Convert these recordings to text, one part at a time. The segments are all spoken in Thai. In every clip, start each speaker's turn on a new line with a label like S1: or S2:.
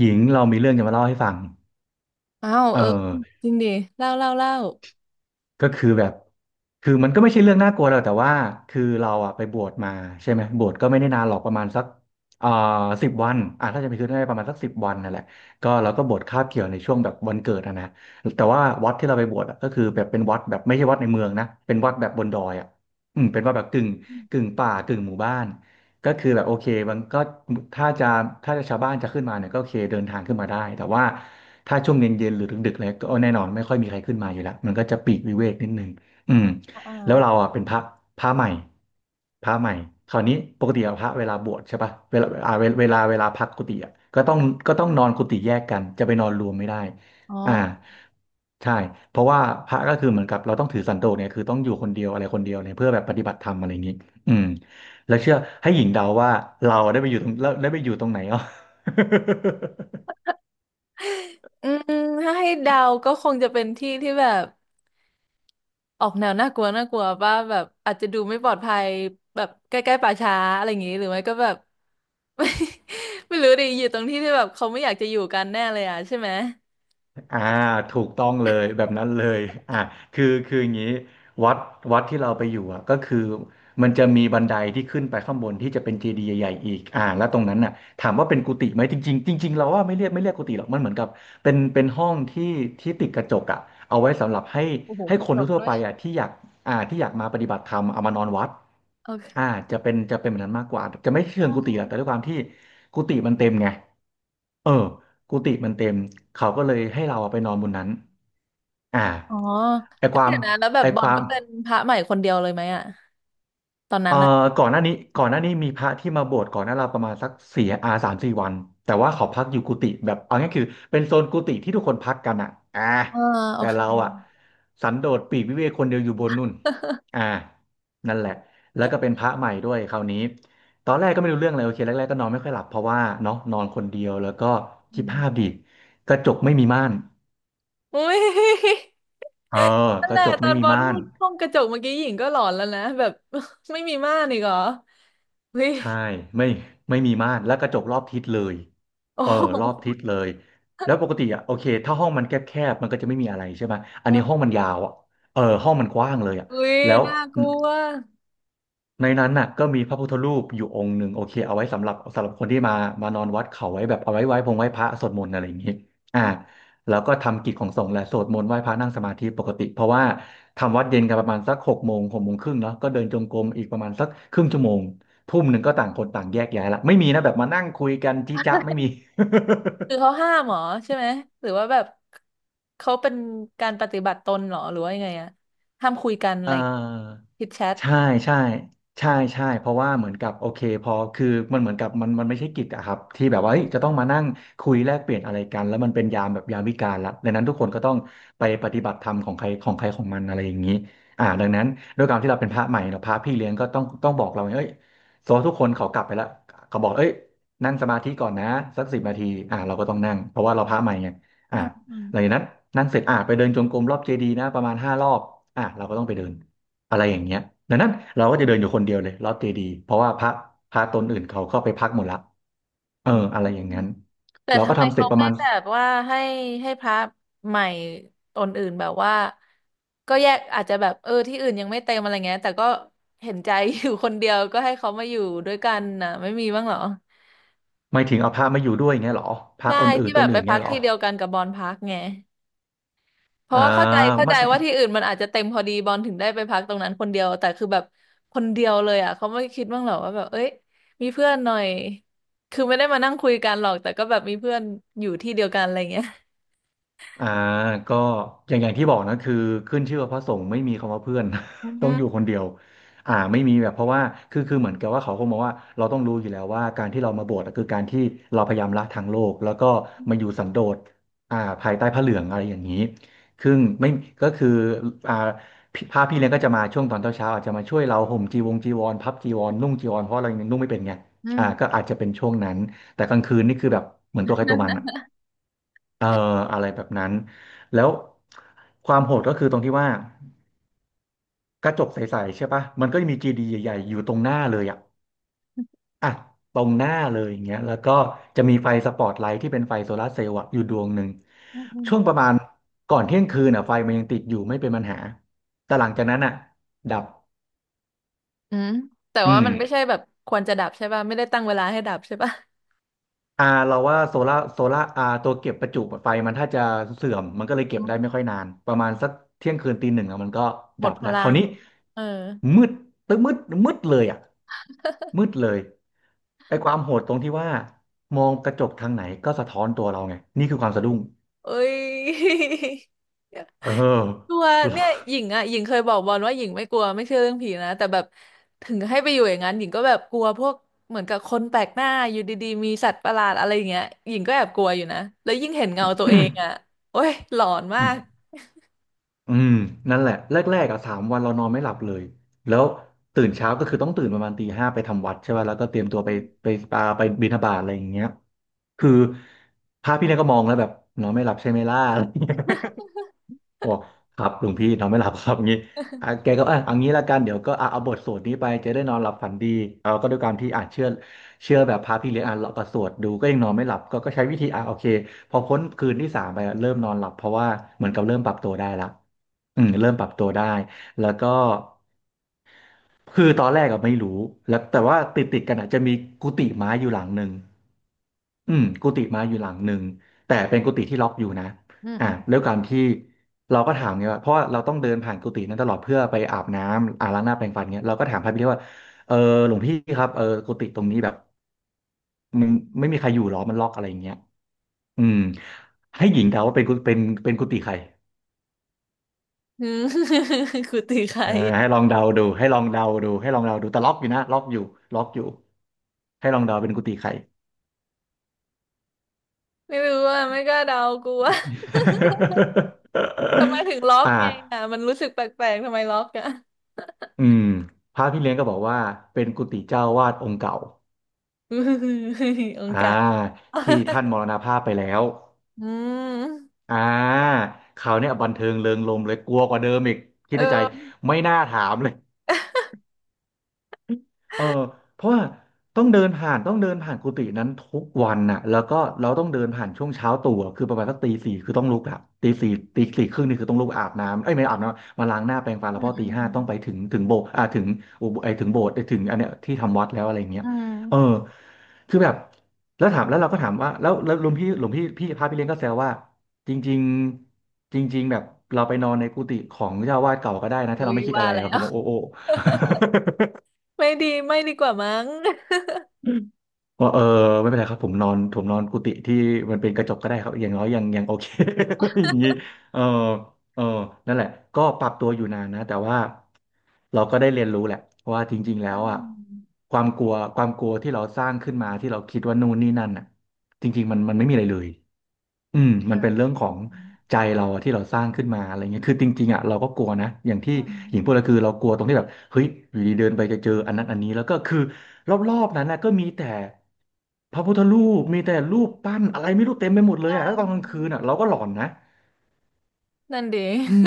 S1: หญิงเรามีเรื่องจะมาเล่าให้ฟัง
S2: อ้าว
S1: เออ
S2: เออจริงดิเล่าเล่าเล่า
S1: ก็คือแบบคือมันก็ไม่ใช่เรื่องน่ากลัวหรอกแต่ว่าคือเราอะไปบวชมาใช่ไหมบวชก็ไม่ได้นานหรอกประมาณสักเอ่อสิบวันอ่ะถ้าจะไปคือได้ประมาณสักสิบวันนั่นแหละก็เราก็บวชคาบเกี่ยวในช่วงแบบวันเกิดอะนะแต่ว่าวัดที่เราไปบวชอะก็คือแบบเป็นวัดแบบไม่ใช่วัดในเมืองนะเป็นวัดแบบบนดอยอะอืมเป็นวัดแบบกึ่งกึ่งป่ากึ่งหมู่บ้าน ก็คือแบบโอเคมันก็ถ้าจะถ้าจะชาวบ้านจะขึ้นมาเนี่ยก็โอเคเดินทางขึ้นมาได้แต่ว่าถ้าช่วงเย็นเย็นหรือดึกๆเลยก็แน่นอนไม่ค่อยมีใครขึ้นมาอยู่แล้วมันก็จะปีกวิเวกนิดนึงอืม
S2: อ่า
S1: แล้วเราอ่ะเป็นพระใหม่พระใหม่คราวนี้ปกติอะพระเวลาบวชใช่ปะเวลาอ่าเวลาเวลาเวลาพักกุฏิอ่ะก็ต้องนอนกุฏิแยกกันจะไปนอนรวมไม่ได้
S2: อ๋
S1: อ่า
S2: อ
S1: ใช่เพราะว่าพระก็คือเหมือนกับเราต้องถือสันโดษเนี่ยคือต้องอยู่คนเดียวอะไรคนเดียวเนี่ยเพื่อแบบปฏิบัติธรรมอะไรอย่างนี้อืม แล้วเชื่อให้หญิงเดาว่าเราได้ไปอยู่ตรงแล้วได้ไปอยู่ตรงไหนอ่ะ
S2: อืมถ้าให้เดาก็คงจะเป็นที่ที่แบบออกแนวน่ากลัวน่ากลัวว่าแบบอาจจะดูไม่ปลอดภัยแบบใกล้ๆป่าช้าอะไรอย่างงี้หรือไม่ก็แบบ ไม่ไม่รู้ดิอยู่ตรงที่ที่แบบเขาไม่อยากจะอยู่กันแน่เลยอ่ะใช่ไหม
S1: อ่าถูกต้องเลยแบบนั้นเลยอ่าคืออย่างนี้วัดวัดที่เราไปอยู่อ่ะก็คือมันจะมีบันไดที่ขึ้นไปข้างบนที่จะเป็นเจดีย์ใหญ่ๆอีกอ่าแล้วตรงนั้นน่ะถามว่าเป็นกุฏิไหมจริงๆจริงๆเราว่าไม่เรียกกุฏิหรอกมันเหมือนกับเป็นห้องที่ที่ติดกระจกอ่ะเอาไว้สำหรับให้
S2: โอ้โห
S1: ให้
S2: ก
S1: ค
S2: ระ
S1: น
S2: จก
S1: ทั่ว
S2: ด้
S1: ๆ
S2: ว
S1: ไป
S2: ย
S1: อ่ะที่อยากอ่าที่อยากมาปฏิบัติธรรมเอามานอนวัด
S2: โอ
S1: อ่า
S2: เค
S1: จะเป็นแบบนั้นมากกว่าจะไม่เชิ
S2: อื
S1: งกุฏิหรอกแต่ด้วย
S2: ม
S1: ความที่กุฏิมันเต็มไง เออกุฏิมันเต็ม เขาก็เลยให้เราอะไปนอนบนนั้น อ่า
S2: อ๋อ
S1: ไอ
S2: แล้
S1: ค
S2: ว
S1: วา
S2: เดี๋
S1: ม
S2: ยวนะแล้วแบ
S1: ไอ
S2: บบอ
S1: ค
S2: ล
S1: วาม
S2: ก็เป็นพระใหม่คนเดียวเลยไหมอ่ะตอนนั้
S1: เอ่อ
S2: นอ่ะ
S1: ก่อนหน้านี้มีพระที่มาบวชก่อนหน้าเราประมาณสักสี่อา3-4 วันแต่ว่าเขาพักอยู่กุฏิแบบเอาง่ายคือเป็นโซนกุฏิที่ทุกคนพักกันอ่ะอ่า
S2: เออโอ
S1: แต่
S2: เค
S1: เราอ่ะสันโดษปลีกวิเวกคนเดียวอยู่บนนู่นอ่านั่นแหละแล้วก็เป็นพระใหม่ด้วยคราวนี้ตอนแรกก็ไม่รู้เรื่องเลยโอเคแรกๆก็นอนไม่ค่อยหลับเพราะว่าเนาะนอนคนเดียวแล้วก็คิดภาพ ดิกระจกไม่มีม่าน
S2: อุ้ย
S1: เออ
S2: นั่
S1: ก
S2: นแห
S1: ระ
S2: ละ
S1: จก
S2: ตอ
S1: ไม่
S2: น
S1: มี
S2: บอล
S1: ม่า
S2: พู
S1: น
S2: ดห้องกระจกเมื่อกี้หญิงก็หลอนแล้วนะแบบ ไม่มีม่านอีกเหรออุ้ย
S1: ใช่ไม่ไม่มีม่านแล้วกระจกรอบทิศเลย
S2: โอ้
S1: เออ
S2: โ
S1: รอบ
S2: ห
S1: ทิศเลยแล้วปกติอ่ะโอเคถ้าห้องมันแคบๆมันก็จะไม่มีอะไรใช่ไหมอันนี้ห้อง
S2: เออ
S1: มันยาวอ่ะเออห้องมันกว้างเลยอ่ะ
S2: อุ้ย
S1: แล้ว
S2: น่ากลัว
S1: ในนั้นน่ะก็มีพระพุทธรูปอยู่องค์หนึ่งโอเคเอาไว้สำหรับคนที่มานอนวัดเขาไว้แบบเอาไว้ไหว้พงไหว้พระสวดมนต์อะไรอย่างนี้อ่าแล้วก็ทำกิจของสงฆ์แหละสวดมนต์ไหว้พระนั่งสมาธิปกติเพราะว่าทำวัดเย็นกันประมาณสักหกโมง6 โมงครึ่งเนาะก็เดินจงกรมอีกประมาณสักครึ่งชั่วโมงทุ่มหนึ่งก็ต่างคนต่างแยกย้ายละไม่มีนะแบบมานั่งคุยกันจี้จ๊ะไม่มี
S2: คือ เขาห้ามเหรอใช่ไหมหรือว่าแบบเขาเป็นการปฏิบัติตนเหรอหรือว่ายังไงอะห้ามคุยกันอะ
S1: อ่า
S2: ไรคิดแชท
S1: ใช่ใช่ใช่ใช่เพราะว่าเหมือนกับโอเคพอคือมันเหมือนกับมันไม่ใช่กิจอะครับที่แบบว่าเฮ้ยจะต้องมานั่งคุยแลกเปลี่ยนอะไรกันแล้วมันเป็นยามแบบยามวิกาลละดังนั้นทุกคนก็ต้องไปปฏิบัติธรรมของใครของใครของมันอะไรอย่างนี้อ่าดังนั้นด้วยความที่เราเป็นพระใหม่เราพระพี่เลี้ยงก็ต้องบอกเราไงเอ้ยโซทุกคนเขากลับไปแล้วเขาบอกเอ้ยนั่งสมาธิก่อนนะสัก10 นาทีอ่าเราก็ต้องนั่งเพราะว่าเราพระใหม่ไง
S2: อื
S1: อ่า
S2: มอื
S1: หลังจากนั้นนั่งเสร็จอ่าไปเดินจงกรมรอบเจดีย์นะประมาณ5 รอบอ่าเราก็ต้องไปเดิน อะไรอย่างเงี้ยดังนั้นเราก็จะเดินอยู่คนเดียวเลยลอดเจดีย์เพราะว่าพระตนอื่นเขาเข้าไปพักหมดละเออ
S2: ม
S1: อะไรอย่างนั้น
S2: แต่
S1: เราก็
S2: ทำไม
S1: ทำเสร็
S2: เขา
S1: จประ
S2: ไม่
S1: มาณ
S2: แบบว่าให้ให้พระใหม่ตนอื่นแบบว่าก็แยกอาจจะแบบเออที่อื่นยังไม่เต็มอะไรเงี้ยแต่ก็เห็นใจ อยู่คนเดียวก็ให้เขามาอยู่ด้วยกันนะไม่มีบ้างเหรอ
S1: ไม่ถึงเอาพระมาอยู่ด้วยอย่างเงี้ยเหรอพระ
S2: ใช่
S1: องค์อื่
S2: ที่
S1: นต
S2: แบ
S1: น
S2: บไป
S1: อื่น
S2: พั
S1: เงี้
S2: ก
S1: ยเหรอ
S2: ที่เดียวกันกับบอลพักไงเพ
S1: อ่
S2: ราะว่าเข้าใจเข้า
S1: า
S2: ใจว่าที่อื่นมันอาจจะเต็มพอดีบอลถึงได้ไปพักตรงนั้นคนเดียวแต่คือแบบคนเดียวเลยอ่ะเขาไม่คิดบ้างเหรอว่าแบบเอ้ยมีเพื่อนหน่อยคือไม่ได้มานั่งคุยกันหรอกแต่ก็แบบมีเพื่อนอยู่ที่เดียวกันอะไรเงี้ย
S1: อ่าก็อย่างที่บอกนะคือขึ้นชื่อว่าพระสงฆ์ไม่มีคำว่าเพื่อน
S2: อื
S1: ต้องอยู่ค
S2: ม
S1: นเดียวไม่มีแบบเพราะว่าคือเหมือนกับว่าเขาคงมองว่าเราต้องรู้อยู่แล้วว่าการที่เรามาบวชอะคือการที่เราพยายามละทางโลกแล้วก็มาอยู่สันโดษภายใต้พระเหลืองอะไรอย่างนี้ซึ่งไม่ก็คืออ่าพระพี่เลี้ยงก็จะมาช่วงตอนเช้าๆอาจจะมาช่วยเราห่มจีวรพับจีวรนุ่งจีวรเพราะเรายังนุ่งไม่เป็นไง
S2: อื
S1: ก็
S2: ม
S1: อาจจะเป็นช่วงนั้นแต่กลางคืนนี่คือแบบเหมือนตัวใครตัวมันอะ เอ่ออะไรแบบนั้นแล้วความโหดก็คือตรงที่ว่ากระจกใสๆใช่ปะมันก็จะมีจีดีใหญ่ๆอยู่ตรงหน้าเลยอ่ะอ่ะตรงหน้าเลยอย่างเงี้ยแล้วก็จะมีไฟสปอตไลท์ที่เป็นไฟโซลาร์เซลล์อะอยู่ดวงหนึ่ง
S2: อืมอืม
S1: ช่วงประมาณก่อนเที่ยงคืนอ่ะไฟมันยังติดอยู่ไม่เป็นปัญหาแต่หลังจากนั้นอ่ะดับ
S2: อืมแต่
S1: อื
S2: ว่า
S1: ม
S2: มันไม่ใช่แบบควรจะดับใช่ป่ะไม่ได้ตั้งเวลาให้ดับใช่ป่ะ
S1: เราว่าโซล่าตัวเก็บประจุไฟมันถ้าจะเสื่อมมันก็เลยเก็บ
S2: อื
S1: ได้ไม่
S2: ม
S1: ค่อยนานประมาณสักเที่ยงคืนตีหนึ่งอะมันก็
S2: หม
S1: ดั
S2: ด
S1: บ
S2: พ
S1: แล้ว
S2: ลั
S1: คราว
S2: ง
S1: นี้
S2: เออ
S1: มืดตึ้งมืดมืดเลยอ่ะมืดเลยไอ้ความโหดตรงที่ว่ามองกระจกทางไหนก็สะท้อนตัวเราไงนี่คือความสะดุ้ง
S2: เอ้ย
S1: เออ
S2: กลัวเนี่ยหญิงอ่ะหญิงเคยบอกบอลว่าหญิงไม่กลัวไม่เชื่อเรื่องผีนะแต่แบบถึงให้ไปอยู่อย่างนั้นหญิงก็แบบกลัวพวกเหมือนกับคนแปลกหน้าอยู่ดีๆมีสัตว์ประหลาดอะไรอย่างเงี้ยหญิงก็แอบกลัวอยู่นะแล้วยิ่งเห็นเงาตัวเองอ่ะ โอ้ยหลอนมา
S1: อืม
S2: ก
S1: อืมนั่นแหละแรกๆอ่ะสามวันเรานอนไม่หลับเลยแล้วตื่นเช้าก็คือต้องตื่นประมาณตีห้าไปทำวัดใช่ไหมแล้วก็เตรียมตัว
S2: อื
S1: ไปไป
S2: ม
S1: ปาไปบิณฑบาตอะไรอย่างเงี้ยคือพระพี่เนี่ยก็มองแล้วแบบนอนไม่หลับใช่ไหมล่ะอะไรเงี้ย โอ้ครับหลวงพี่นอนไม่หลับครับ งี้อ่ะแกก็อ่ะเอางี้ละกัน เดี๋ยวก็อ่ะเอาบทสวดนี้ไปจะได้นอนหลับฝันดีเราก็ด้วยการที่อ่านเชื่อแบบพระพี่เลี้ยงอ่านเราก็สวดดูก็ยังนอนไม่หลับก็ใช้วิธีอ่ะโอเคพอพ้นคืนที่สามไปอ่ะเริ่มนอนหลับเพราะว่าเหมือนกับเริ่มปรับตัวได้ละอืมเริ่มปรับตัวได้แล้วก็ คือตอนแรกก็ไม่รู้แล้วแต่ว่าติดกันอ่ะจะมีกุฏิไม้อยู่หลังหนึ่งอืมกุฏิไม้อยู่หลังหนึ่ง แต่เป็นกุฏิที่ล็อกอยู่นะ
S2: อื
S1: อ่ะ
S2: ม
S1: ด้วยการที่เราก็ถามไงว่าเพราะว่าเราต้องเดินผ่านกุฏินั้นตลอดเพื่อไปอาบน้ำอ่าล้างหน้าแปรงฟันเงี้ยเราก็ถามพระพี่เลี้ยงว่าเออหลวงพี่ครับเออกุฏิตรงนี้แบบมันไม่มีใครอยู่หรอมันล็อกอะไรอย่างเงี้ยอืมให้หญิงเดาว่าเป็นเป็นกุฏิใคร
S2: อืม คือตีใคร
S1: เอ่ให้ลองเดาดูให้ลองเดาดูให้ลองเดาดูแต่ล็อกอยู่นะล็อกอยู่ล็อกอยู่ให้ลองเดาเป็นกุฏิใคร
S2: ไม่รู้อ่ะไม่กล้าเดากูว่า ทำไมถึงล็อ ก
S1: อ่า
S2: ไงอ่ะมันรู้สึกแปลกๆทำไมล็อกอ่ะ
S1: อืมพระพี่เลี้ยงก็บอกว่าเป็นกุฏิเจ้าวาดองค์เก่า
S2: อง
S1: อ่า
S2: ค์กลับ
S1: ที่ท่านม รณภาพไปแล้ว
S2: อืม
S1: อ่าคราวเนี้ยบันเทิงเริงรมย์เลยกลัวกว่าเดิมอีกคิด
S2: เอ
S1: ในใจ
S2: อ
S1: ไม่น่าถามเลย เออเพราะว่าต้องเดินผ่านกุฏินั้นทุกวันน่ะแล้วก็เราต้องเดินผ่านช่วงเช้าตู่อะคือประมาณสักตีสี่คือต้องลุกอะตีสี่ตีสี่ครึ่งนี่คือต้องลุกอาบน้ำเอ้ยไม่อาบน้ำมาล้างหน้าแปรงฟัน
S2: อื
S1: แล้วพ
S2: ม
S1: อ
S2: อื
S1: ตีห้าต้องไป
S2: ม
S1: ถึงโบสถ์อ่าถึงอุโบไอถึงโบสถ์ไอ้ถึงอันเนี้ยที่ทำวัดแล้วอะไรเงี้ย
S2: อื
S1: เออ
S2: ม
S1: คือแบบแล้วเราก็ถามว่าแล้วหลวงพี่พระพี่เลี้ยงก็แซวว่าจริงๆจริงๆแบบเราไปนอนในกุฏิของเจ้าอาวาสเก่าก็ได้นะถ้า
S2: อุ้
S1: เรา
S2: ย
S1: ไม่คิดอะ
S2: ว่า
S1: ไร
S2: แล้
S1: อะผ
S2: ว
S1: มบอกโอ้
S2: ไม่ดีไม่ดีกว่ามั้ง
S1: ว่าเออไม่เป็นไรครับผมนอนกุฏิที่มันเป็นกระจกก็ได้ครับอย่างน้อยยังโอเค อย่างนี้เออเออนั่นแหละก็ปรับตัวอยู่นานนะแต่ว่าเราก็ได้เรียนรู้แหละว่าจริงๆแล้
S2: อื
S1: วอ่ะ
S2: ม
S1: ความกลัวที่เราสร้างขึ้นมาที่เราคิดว่านู่นนี่นั่นอ่ะจริงๆมันไม่มีอะไรเลย อืม
S2: เอ
S1: มัน
S2: อ
S1: เป็นเรื่อง
S2: เอ
S1: ขอ
S2: อ
S1: งใจเราอะที่เราสร้างขึ้นมาอะไรเงี้ยคือจริงๆอ่ะเราก็กลัวนะอย่างที่
S2: เอออืม
S1: หญิงพูดก็คือเรากลัวตรงที่แบบเฮ้ยอยู่ดีเดินไปจะเจออันนั้นอันนี้แล้วก็คือรอบๆนั้นนะก็มีแต่พระพุทธรูปมีแต่รูปปั้นอะไรไม่รู้เต็มไปหมดเล
S2: ใช
S1: ยอ่ะแล้วตอนกลาง
S2: ่
S1: คืนอ่ะเราก็หลอนนะ
S2: นั่นดี
S1: อืม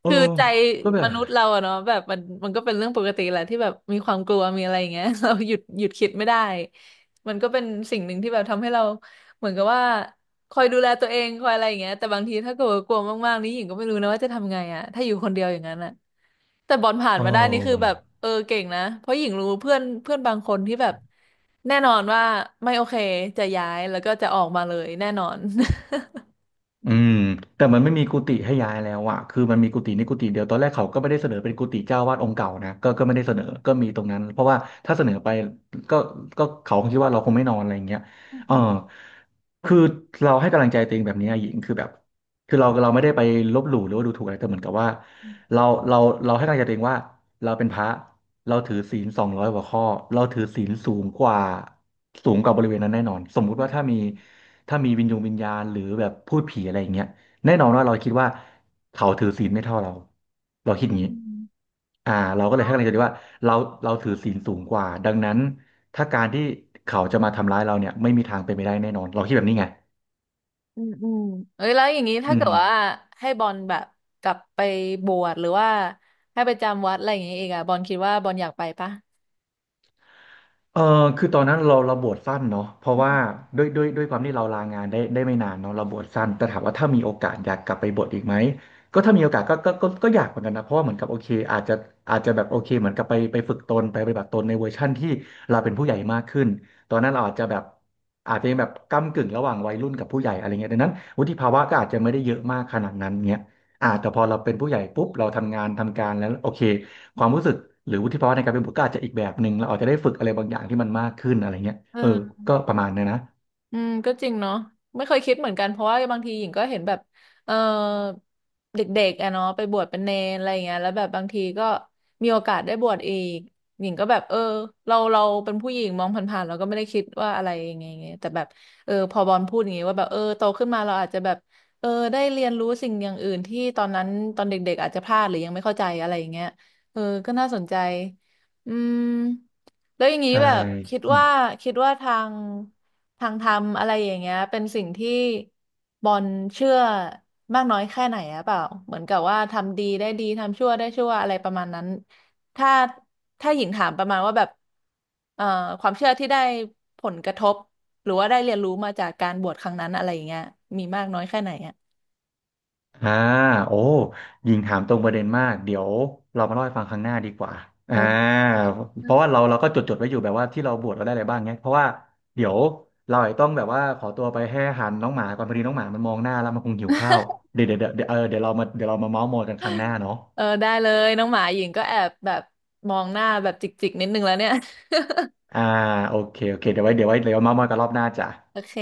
S1: เออ
S2: คือใจ
S1: ก็แบ
S2: ม
S1: บ
S2: นุษย์เราอะเนาะแบบมันมันก็เป็นเรื่องปกติแหละที่แบบมีความกลัวมีอะไรอย่างเงี้ย เราหยุดหยุดคิดไม่ได้มันก็เป็นสิ่งหนึ่งที่แบบทำให้เราเหมือนกับว่าคอยดูแลตัวเองคอยอะไรอย่างเงี้ยแต่บางทีถ้าเกิดว่ากลัวมากๆนี่หญิงก็ไม่รู้นะว่าจะทำไงอะถ้าอยู่คนเดียวอย่างนั้นอะแต่บอลผ่าน
S1: เอ
S2: มาได้นี่คือแบบ
S1: อ
S2: เออเก่งนะเพราะหญิงรู้เพื่อนเพื่อนบางคนที่แบบแน่นอนว่าไม่โอเคจะย้ายแล้วก็จะออกมาเลยแน่นอน
S1: อืมแต่มันไม่มีกุฏิให้ย้ายแล้วอะคือมันมีกุฏินี่กุฏิเดียวตอนแรกเขาก็ไม่ได้เสนอเป็นกุฏิเจ้าวาดองค์เก่านะก็ไม่ได้เสนอก็มีตรงนั้นเพราะว่าถ้าเสนอไปก็ก็เขาคงคิดว่าเราคงไม่นอนอะไรอย่างเงี้ยเออคือเราให้กำลังใจตัวเองแบบนี้นะหญิงคือแบบคือเราไม่ได้ไปลบหลู่หรือว่าดูถูกอะไรแต่เหมือนกับว่าเราเราเราให้กำลังใจตัวเองว่าเราเป็นพระ เราถือศีล200กว่าข้อเราถือศีลสูงกว่าสูงกว่าบริเวณนั้นแน่นอนสมมุติว่าถ้ามีถ้ามีวิญญาณหรือแบบพูดผีอะไรอย่างเงี้ยแน่นอนว่าเราคิดว่าเขาถือศีลไม่เท่าเราเราคิดอ
S2: อื
S1: ย่างนี้
S2: ม
S1: เราก็เล
S2: อ๋
S1: ยให้
S2: อ
S1: กำลังใจดีว่าเราเราถือศีลสูงกว่าดังนั้นถ้าการที่เขาจะมาทำร้ายเราเนี่ยไม่มีทางเป็นไปได้แน่นอนเราคิดแบบนี้ไง
S2: อืมอืมเอ้ยแล้วอย่างนี้
S1: อื
S2: ถ้าเกิ
S1: ม
S2: ดว่าให้บอลแบบกลับไปบวชหรือว่าให้ไปจำวัดอะไรอย่างนี้อีกอะบอลคิดว่าบอลอยากไปปะ
S1: เออคือตอนนั้นเราบวชสั้นเนาะเพราะ
S2: อื
S1: ว่า
S2: ม
S1: ด้วยความที่เราลางานได้ไม่นานเนาะเราบวชสั้นแต่ถามว่าถ้ามีโอกาสอยากกลับไปบวชอีกไหมก็ถ้ามีโอกาสก็อยากเหมือนกันนะเพราะว่าเหมือนกับโอเคอาจจะแบบโอเคเหมือนกับไปฝึกตนไปปฏิบัติตนในเวอร์ชั่นที่เราเป็นผู้ใหญ่มากขึ้นตอนนั้นเราอาจจะแบบอาจจะยังแบบก้ำกึ่งระหว่างวัยรุ่นกับผู้ใหญ่อะไรเงี้ยดังนั้นวุฒิภาวะก็อาจจะไม่ได้เยอะมากขนาดนั้นเงี้ยแต่พอเราเป็นผู้ใหญ่ปุ๊บเราทำงานทำการแล้วโอเค ความรู้สึกหรือวุฒิภาวะในการเป็นบุตรก็อาจจะอีกแบบหนึ่งเราอาจจะได้ฝึกอะไรบางอย่างที่มันมากขึ้นอะไรเงี้ย
S2: เอ
S1: เออ
S2: อ
S1: ก็ประมาณเนี้ยนะ
S2: อืมก็จริงเนาะไม่เคยคิดเหมือนกันเพราะว่าบางทีหญิงก็เห็นแบบเออเด็กๆอะเนาะไปบวชเป็นเนรอะไรอย่างเงี้ยแล้วแบบบางทีก็มีโอกาสได้บวชอีกหญิงก็แบบเออเราเราเป็นผู้หญิงมองผ่านๆเราก็ไม่ได้คิดว่าอะไรยังไงไงแต่แบบเออพอบอลพูดอย่างงี้ว่าแบบเออโตขึ้นมาเราอาจจะแบบเออได้เรียนรู้สิ่งอย่างอื่นที่ตอนนั้นตอนเด็กๆอาจจะพลาดหรือยังไม่เข้าใจอะไรอย่างเงี้ยเออก็น่าสนใจอืมแล้วอย่างนี้
S1: ใช่
S2: แบบคิด
S1: อืม
S2: ว่าคิดว่าทาง ทางธรรมอะไรอย่างเงี้ยเป็นสิ่งที่บอลเชื่อมากน้อยแค่ไหนอะเปล่าเหมือนกับว่าทำดีได้ดีทำชั่วได้ชั่วอะไรประมาณนั้นถ้าถ้าหญิงถามประมาณว่าแบบเอ่อความเชื่อที่ได้ผลกระทบหรือว่าได้เรียนรู้มาจากการบวชครั้งนั้นอะไรอย่างเงี้ยมีมากน้อยแค่ไหนอะ
S1: อ่าโอ้ยิงถามตรงประเด็นมากเดี๋ยวเรามาเล่าให้ฟังครั้งหน้าดีกว่า
S2: เอ
S1: อ่า
S2: อ
S1: เพราะว่าเราก็จดจดไว้อยู่แบบว่าที่เราบวชเราได้อะไรบ้างเนี้ยเพราะว่าเดี๋ยวเราอาจจะต้องแบบว่าขอตัวไปให้อาหารน้องหมาก่อนพอดีน้องหมามันมองหน้าแล้วมันคงหิวข้าวเดี๋ยวเดี๋ยวเดี๋ยวเดี๋ยวเออเดี๋ยวเรามาเดี๋ยวเรามาเมาท์มอยกันครั้งหน้าเนาะ
S2: เออได้เลยน้องหมาหญิงก็แอบแบบมองหน้าแบบจิกๆนิดนึงแล้วเนี่ย
S1: อ่าโอเคโอเคเดี๋ยวไว้เดี๋ยวเมาท์มอยกันรอบหน้าจ้ะ
S2: โอเค